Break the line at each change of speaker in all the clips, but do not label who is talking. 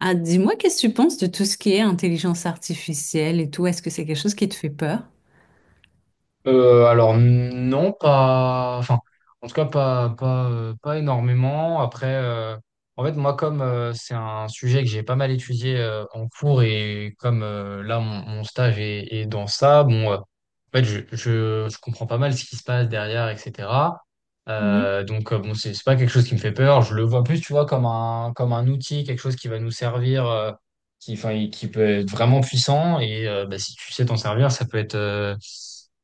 Ah, dis-moi, qu'est-ce que tu penses de tout ce qui est intelligence artificielle et tout? Est-ce que c'est quelque chose qui te fait peur?
Alors non, pas. Enfin, en tout cas, pas, pas énormément. Après, en fait, moi, comme c'est un sujet que j'ai pas mal étudié en cours, et comme là, mon stage est dans ça, bon, en fait, je comprends pas mal ce qui se passe derrière, etc. Donc, bon, c'est pas quelque chose qui me fait peur. Je le vois plus, tu vois, comme un outil, quelque chose qui va nous servir, qui, enfin, qui peut être vraiment puissant, et bah, si tu sais t'en servir, ça peut être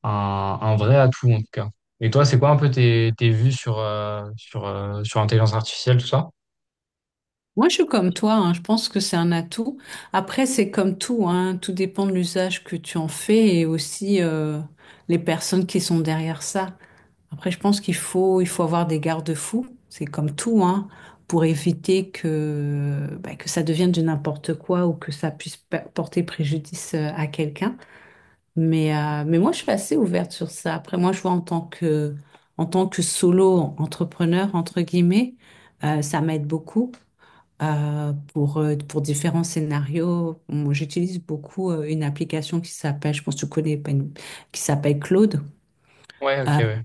un vrai atout en tout cas. Et toi, c'est quoi un peu tes vues sur l'intelligence artificielle, tout ça?
Moi, je suis comme toi, hein, je pense que c'est un atout. Après, c'est comme tout, hein, tout dépend de l'usage que tu en fais et aussi les personnes qui sont derrière ça. Après, je pense qu'il faut avoir des garde-fous, c'est comme tout, hein, pour éviter que, bah, que ça devienne de n'importe quoi ou que ça puisse porter préjudice à quelqu'un. Mais moi, je suis assez ouverte sur ça. Après, moi, je vois en tant que solo entrepreneur, entre guillemets, ça m'aide beaucoup pour différents scénarios. Moi, j'utilise beaucoup une application qui s'appelle, je pense que tu connais, pas une- qui s'appelle Claude.
Ouais, ok,
Euh,
ouais.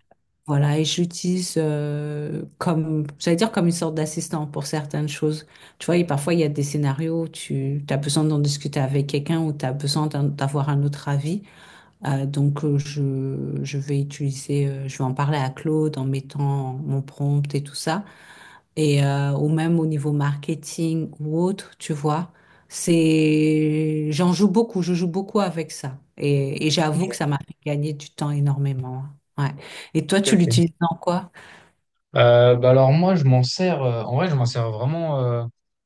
voilà, et j'utilise comme, j'allais dire comme une sorte d'assistant pour certaines choses. Tu vois, et parfois, il y a des scénarios où tu as besoin d'en discuter avec quelqu'un ou tu as besoin d'avoir un autre avis. Donc, je vais utiliser, je vais en parler à Claude en mettant mon prompt et tout ça. Et ou même au niveau marketing ou autre, tu vois, c'est, j'en joue beaucoup, je joue beaucoup avec ça. Et j'avoue que ça
Ok,
m'a fait gagner du temps énormément, hein. Ouais. Et toi,
ok.
tu
Ok.
l'utilises dans quoi?
Bah alors moi je m'en sers, en vrai je m'en sers vraiment, euh,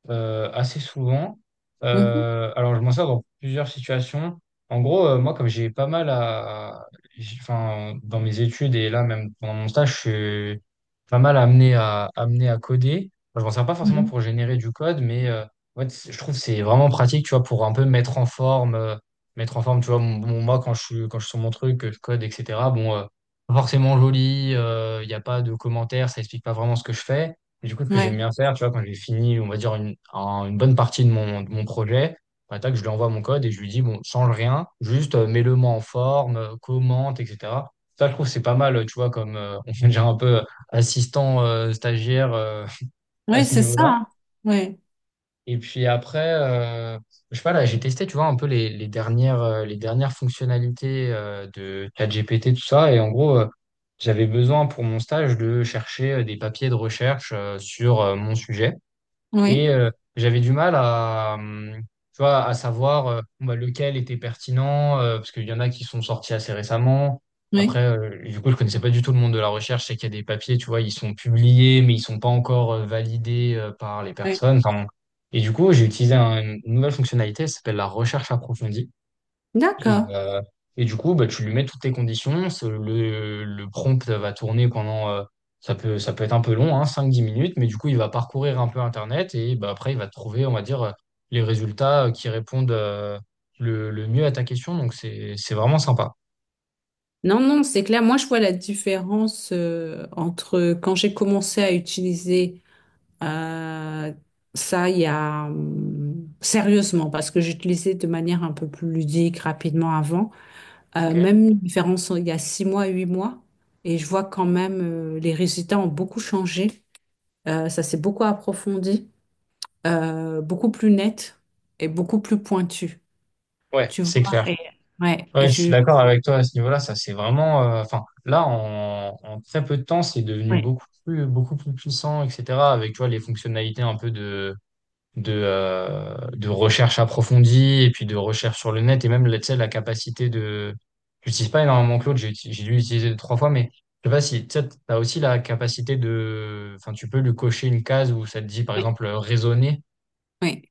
euh, assez souvent.
Mhm,
Alors je m'en sers dans plusieurs situations. En gros, moi, comme j'ai pas mal à enfin, dans mes études et là, même pendant mon stage, je suis pas mal amené à coder. Enfin, je m'en sers pas forcément
mhm.
pour générer du code, mais en fait, je trouve que c'est vraiment pratique, tu vois, pour un peu mettre en forme, tu vois, moi, quand je suis sur mon truc, que je code, etc., bon, pas forcément joli, il n'y a pas de commentaires, ça explique pas vraiment ce que je fais. Et du coup, ce que j'aime
Ouais.
bien faire, tu vois, quand j'ai fini, on va dire, une bonne partie de mon projet, bah, tac, je lui envoie mon code et je lui dis, bon, change rien, juste mets-le-moi en forme, commente, etc. Ça, je trouve, c'est pas mal, tu vois, comme on fait déjà un peu assistant, stagiaire, à
Ouais,
ce
c'est ça,
niveau-là.
hein. Ouais.
Et puis après, je sais pas, là, j'ai testé, tu vois, un peu les dernières fonctionnalités de ChatGPT, tout ça. Et en gros, j'avais besoin pour mon stage de chercher des papiers de recherche sur mon sujet. Et
Oui.
j'avais du mal à, tu vois, à savoir, bon, bah, lequel était pertinent, parce qu'il y en a qui sont sortis assez récemment. Après,
Oui.
du coup, je connaissais pas du tout le monde de la recherche. Je sais qu'il y a des papiers, tu vois, ils sont publiés, mais ils sont pas encore validés par les
Oui.
personnes. Enfin, bon. Et du coup, j'ai utilisé une nouvelle fonctionnalité, ça s'appelle la recherche approfondie. Et,
D'accord.
euh, et du coup, bah, tu lui mets toutes tes conditions. Le prompt va tourner pendant, ça peut être un peu long, hein, 5-10 minutes, mais du coup, il va parcourir un peu Internet et bah, après, il va trouver, on va dire, les résultats qui répondent le mieux à ta question. Donc, c'est vraiment sympa.
Non, non, c'est clair. Moi, je vois la différence entre quand j'ai commencé à utiliser euh, ça il y a sérieusement, parce que j'utilisais de manière un peu plus ludique rapidement avant.
Ok.
Même une différence il y a 6 mois, 8 mois, et je vois quand même les résultats ont beaucoup changé. Ça s'est beaucoup approfondi, beaucoup plus net et beaucoup plus pointu.
Ouais,
Tu
c'est
vois,
clair.
et ouais, et
Ouais, je suis
je
d'accord avec toi à ce niveau-là. Ça, c'est vraiment. Enfin, là, en très peu de temps, c'est devenu
ouais,
beaucoup plus puissant, etc. Avec, tu vois, les fonctionnalités un peu de recherche approfondie et puis de recherche sur le net, et même là, tu sais, la capacité de. J'utilise pas énormément Claude, j'ai dû l'utiliser deux, trois fois, mais je sais pas si tu as aussi la capacité de. Enfin, tu peux lui cocher une case où ça te dit, par
ouais,
exemple, raisonner.
ouais,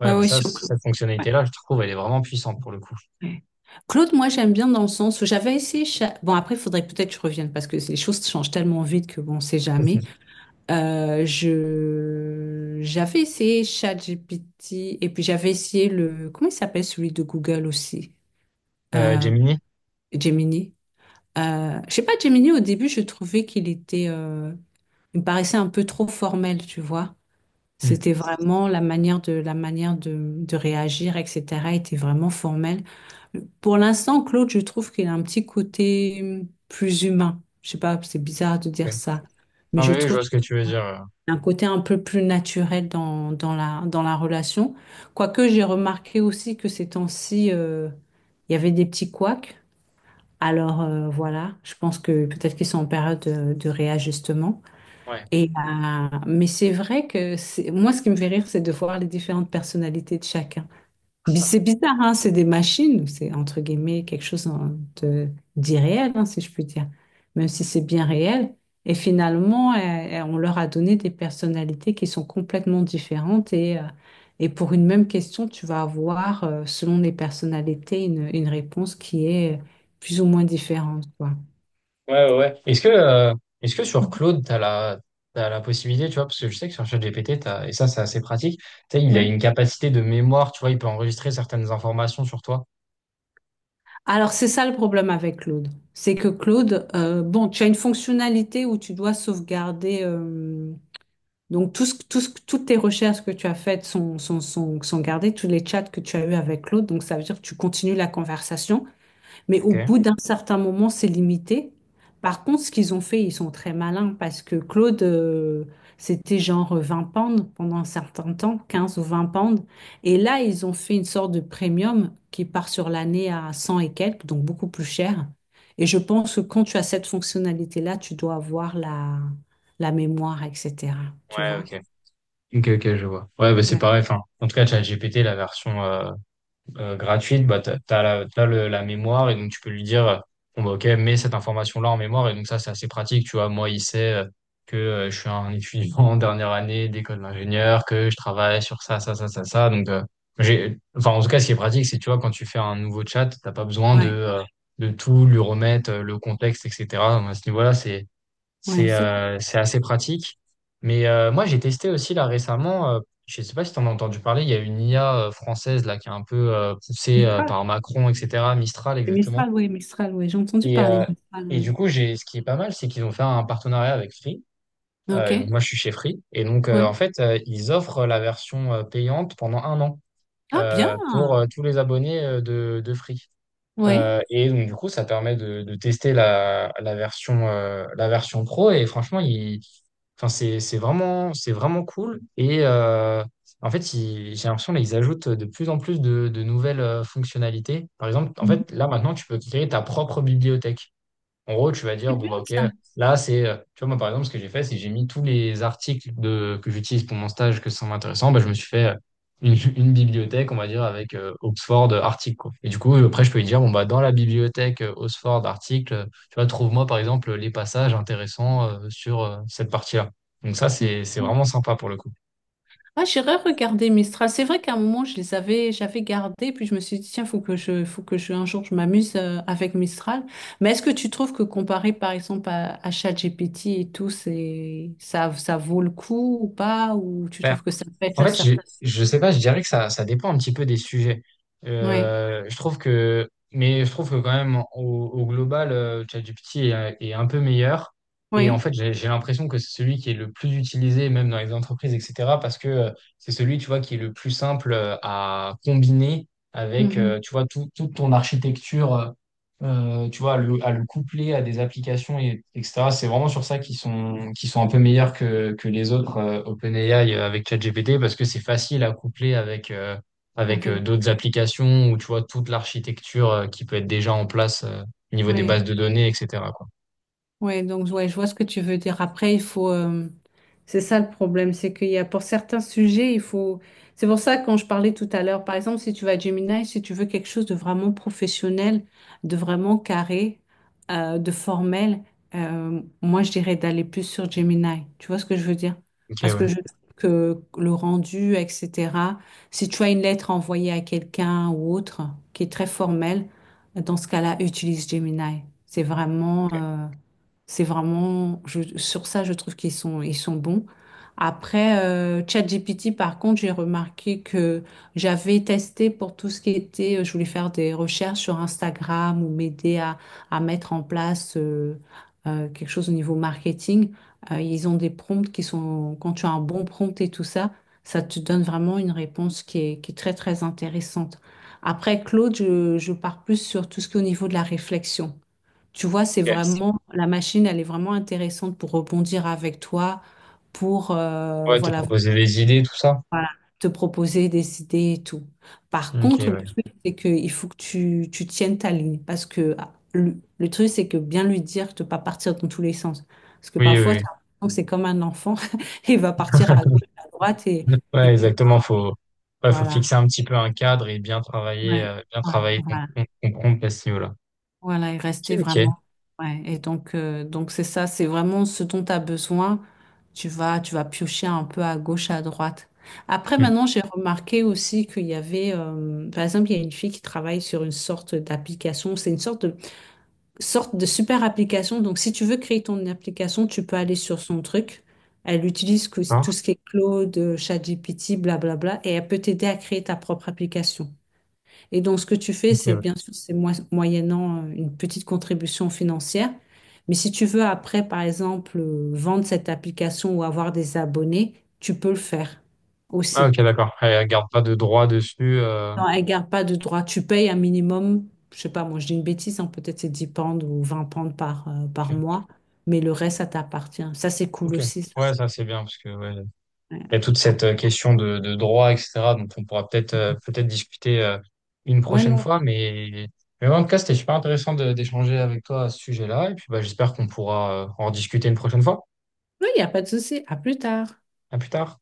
Ouais,
ouais,
mais
ouais,
ça,
surtout.
cette fonctionnalité-là, je trouve, elle est vraiment puissante pour le coup.
Ouais. Claude, moi j'aime bien dans le sens où j'avais essayé. Bon, après, il faudrait peut-être que je revienne parce que les choses changent tellement vite que bon, on sait jamais. J'avais essayé ChatGPT et puis j'avais essayé le. Comment il s'appelle celui de Google aussi? Euh,
Gemini?
Gemini. Je sais pas, Gemini, au début, je trouvais qu'il était. Il me paraissait un peu trop formel, tu vois.
Hmm.
C'était vraiment la manière de réagir, etc. était vraiment formelle. Pour l'instant, Claude, je trouve qu'il a un petit côté plus humain. Je sais pas, c'est bizarre de dire
Ok.
ça, mais
Non,
je
mais oui, je
trouve
vois ce que tu veux
voilà,
dire,
un côté un peu plus naturel dans la relation. Quoique j'ai remarqué aussi que ces temps-ci, il y avait des petits couacs. Alors voilà, je pense que peut-être qu'ils sont en période de réajustement.
ouais.
Et, mais c'est vrai que c'est, moi, ce qui me fait rire, c'est de voir les différentes personnalités de chacun. C'est bizarre, hein, c'est des machines, c'est entre guillemets quelque chose de- d'irréel, hein, si je puis dire, même si c'est bien réel. Et finalement, on leur a donné des personnalités qui sont complètement différentes et pour une même question, tu vas avoir, selon les personnalités, une réponse qui est plus ou moins différente, quoi.
Ouais, ouais. Ouais. Est-ce que sur Claude, t'as la possibilité, tu vois, parce que je sais que sur ChatGPT, et ça, c'est assez pratique, tu sais, il a
Ouais.
une capacité de mémoire, tu vois, il peut enregistrer certaines informations sur toi.
Alors, c'est ça le problème avec Claude. C'est que Claude, bon, tu as une fonctionnalité où tu dois sauvegarder. Donc, toutes tes recherches que tu as faites sont gardées, tous les chats que tu as eus avec l'autre. Donc, ça veut dire que tu continues la conversation, mais au
Ok.
bout d'un certain moment, c'est limité. Par contre, ce qu'ils ont fait, ils sont très malins parce que Claude, c'était genre 20 pounds pendant un certain temps, 15 ou 20 pounds. Et là, ils ont fait une sorte de premium qui part sur l'année à 100 et quelques, donc beaucoup plus cher. Et je pense que quand tu as cette fonctionnalité-là, tu dois avoir la mémoire, etc. Tu
Ouais,
vois?
ok. Ok, ok, je vois. Ouais, bah, c'est
Ouais,
pareil. Enfin, en tout cas, ChatGPT, la version, gratuite, bah, t'as la mémoire, et donc tu peux lui dire, bon, bah, ok, mets cette information-là en mémoire, et donc ça, c'est assez pratique, tu vois. Moi, il sait que je suis un étudiant en dernière année d'école d'ingénieur, que je travaille sur ça, ça, ça, ça, ça. Donc, enfin, en tout cas, ce qui est pratique, c'est, tu vois, quand tu fais un nouveau chat, t'as pas besoin de,
ouais,
euh, de tout lui remettre, le contexte, etc. Donc, à ce niveau-là, c'est,
ouais,
c'est
ça.
euh, c'est assez pratique. Mais moi, j'ai testé aussi là récemment, je ne sais pas si tu en as entendu parler, il y a une IA française là qui est un peu poussée
Mistral.
par Macron, etc., Mistral
C'est
exactement.
Mistral, oui, Mistral, oui. J'ai entendu
Et,
parler de
euh,
Mistral,
et du
oui.
coup, ce qui est pas mal, c'est qu'ils ont fait un partenariat avec Free.
Ok,
Et donc moi, je suis chez Free. Et donc,
ouais.
en fait, ils offrent la version payante pendant un an,
Ah, bien.
pour tous les abonnés de Free.
Ouais.
Et donc, du coup, ça permet de tester la version pro. Et franchement, ils. Enfin, c'est vraiment cool. Et en fait, j'ai l'impression qu'ils ajoutent de plus en plus de nouvelles fonctionnalités. Par exemple, en
Mhm.
fait, là maintenant, tu peux créer ta propre bibliothèque. En gros, tu vas
C'est
dire, bon,
bien
bah, OK,
ça.
là, c'est, tu vois, moi, par exemple, ce que j'ai fait, c'est que j'ai mis tous les articles que j'utilise pour mon stage, que ça m'intéressant. Bah, je me suis fait une bibliothèque, on va dire, avec Oxford article, quoi. Et du coup, après, je peux lui dire, bon, bah, dans la bibliothèque Oxford article, tu vois, trouve-moi, par exemple, les passages intéressants sur cette partie-là. Donc, ça, c'est vraiment sympa pour le coup.
Ah, j'irai regarder Mistral. C'est vrai qu'à un moment, je les avais, j'avais gardés, puis je me suis dit, tiens, faut que je, un jour, je m'amuse avec Mistral. Mais est-ce que tu trouves que comparé, par exemple, à ChatGPT et tout, c'est, ça vaut le coup ou pas? Ou tu trouves que ça pète
En
la
fait, je,
serpe?
je sais pas, je dirais que ça dépend un petit peu des sujets.
Oui,
Mais je trouve que quand même, au global, ChatGPT est un peu meilleur. Et en
oui.
fait, j'ai l'impression que c'est celui qui est le plus utilisé, même dans les entreprises, etc. Parce que c'est celui, tu vois, qui est le plus simple à combiner avec,
Mhm.
tu vois, toute ton architecture. Tu vois, à le coupler à des applications, et, etc. C'est vraiment sur ça qu'ils sont un peu meilleurs que les autres, OpenAI avec ChatGPT, parce que c'est facile à coupler avec, avec
Avec,
d'autres applications, ou tu vois, toute l'architecture qui peut être déjà en place au niveau des
oui.
bases de données, etc., quoi.
Ouais, donc ouais, je vois ce que tu veux dire. Après, il faut, c'est ça le problème, c'est qu'il y a pour certains sujets, il faut. C'est pour ça que quand je parlais tout à l'heure, par exemple, si tu vas à Gemini, si tu veux quelque chose de vraiment professionnel, de vraiment carré, de formel, moi je dirais d'aller plus sur Gemini. Tu vois ce que je veux dire?
Ok,
Parce
ouais.
que je que le rendu, etc. Si tu as une lettre à envoyer à quelqu'un ou autre qui est très formelle, dans ce cas-là, utilise Gemini. C'est vraiment. C'est vraiment, sur ça, je trouve qu'ils sont bons. Après, ChatGPT, par contre, j'ai remarqué que j'avais testé pour tout ce qui était, je voulais faire des recherches sur Instagram ou m'aider à, mettre en place quelque chose au niveau marketing. Ils ont des prompts qui sont, quand tu as un bon prompt et tout ça, ça te donne vraiment une réponse qui est très, très intéressante. Après, Claude, je pars plus sur tout ce qui est au niveau de la réflexion. Tu vois, c'est
Ok.
vraiment, la machine, elle est vraiment intéressante pour rebondir avec toi, pour
Ouais, te
voilà,
proposer des idées, tout ça.
voilà, te proposer des idées et tout. Par
Ok,
contre, le
ouais.
truc, c'est qu'il faut que tu tiennes ta ligne. Parce que ah, le truc, c'est que bien lui dire de ne pas partir dans tous les sens. Parce que
Oui, oui,
parfois,
oui.
t'as l'impression que c'est comme un enfant, il va partir à gauche, à droite, et
Ouais,
tu...
exactement. Ouais, faut
Voilà.
fixer un petit peu un cadre, et
Ouais,
bien
ouais,
travailler ton,
voilà.
ton, ton prompt à ce niveau-là.
Voilà, et rester
Ok, ok.
vraiment. Ouais. Et donc c'est ça, c'est vraiment ce dont tu as besoin. Tu vas piocher un peu à gauche, à droite. Après, maintenant, j'ai remarqué aussi qu'il y avait, par exemple, il y a une fille qui travaille sur une sorte d'application. C'est une sorte de super application. Donc, si tu veux créer ton application, tu peux aller sur son truc. Elle utilise
Hmm.
tout ce qui est Claude, ChatGPT, blablabla, et elle peut t'aider à créer ta propre application. Et donc, ce que tu fais,
Ok,
c'est
ouais.
bien sûr, c'est moyennant une petite contribution financière. Mais si tu veux après, par exemple, vendre cette application ou avoir des abonnés, tu peux le faire
Ah, ok,
aussi.
d'accord. Elle garde pas de droit dessus.
Non, elle garde pas de droit. Tu payes un minimum, je sais pas, moi je dis une bêtise, hein, peut-être c'est 10 pounds ou 20 pounds par,
Ok,
par mois, mais le reste, ça t'appartient. Ça, c'est cool
ok.
aussi, ça.
Ouais, ça c'est bien, parce que ouais,
Ouais,
il y a toute
ah.
cette question de droit, etc. Donc on pourra peut-être discuter une
Ouais,
prochaine
non.
fois. Mais ouais, en tout cas, c'était super intéressant d'échanger avec toi à ce sujet-là. Et puis bah, j'espère qu'on pourra en discuter une prochaine fois.
Oui, il n'y a pas de souci. À plus tard.
À plus tard.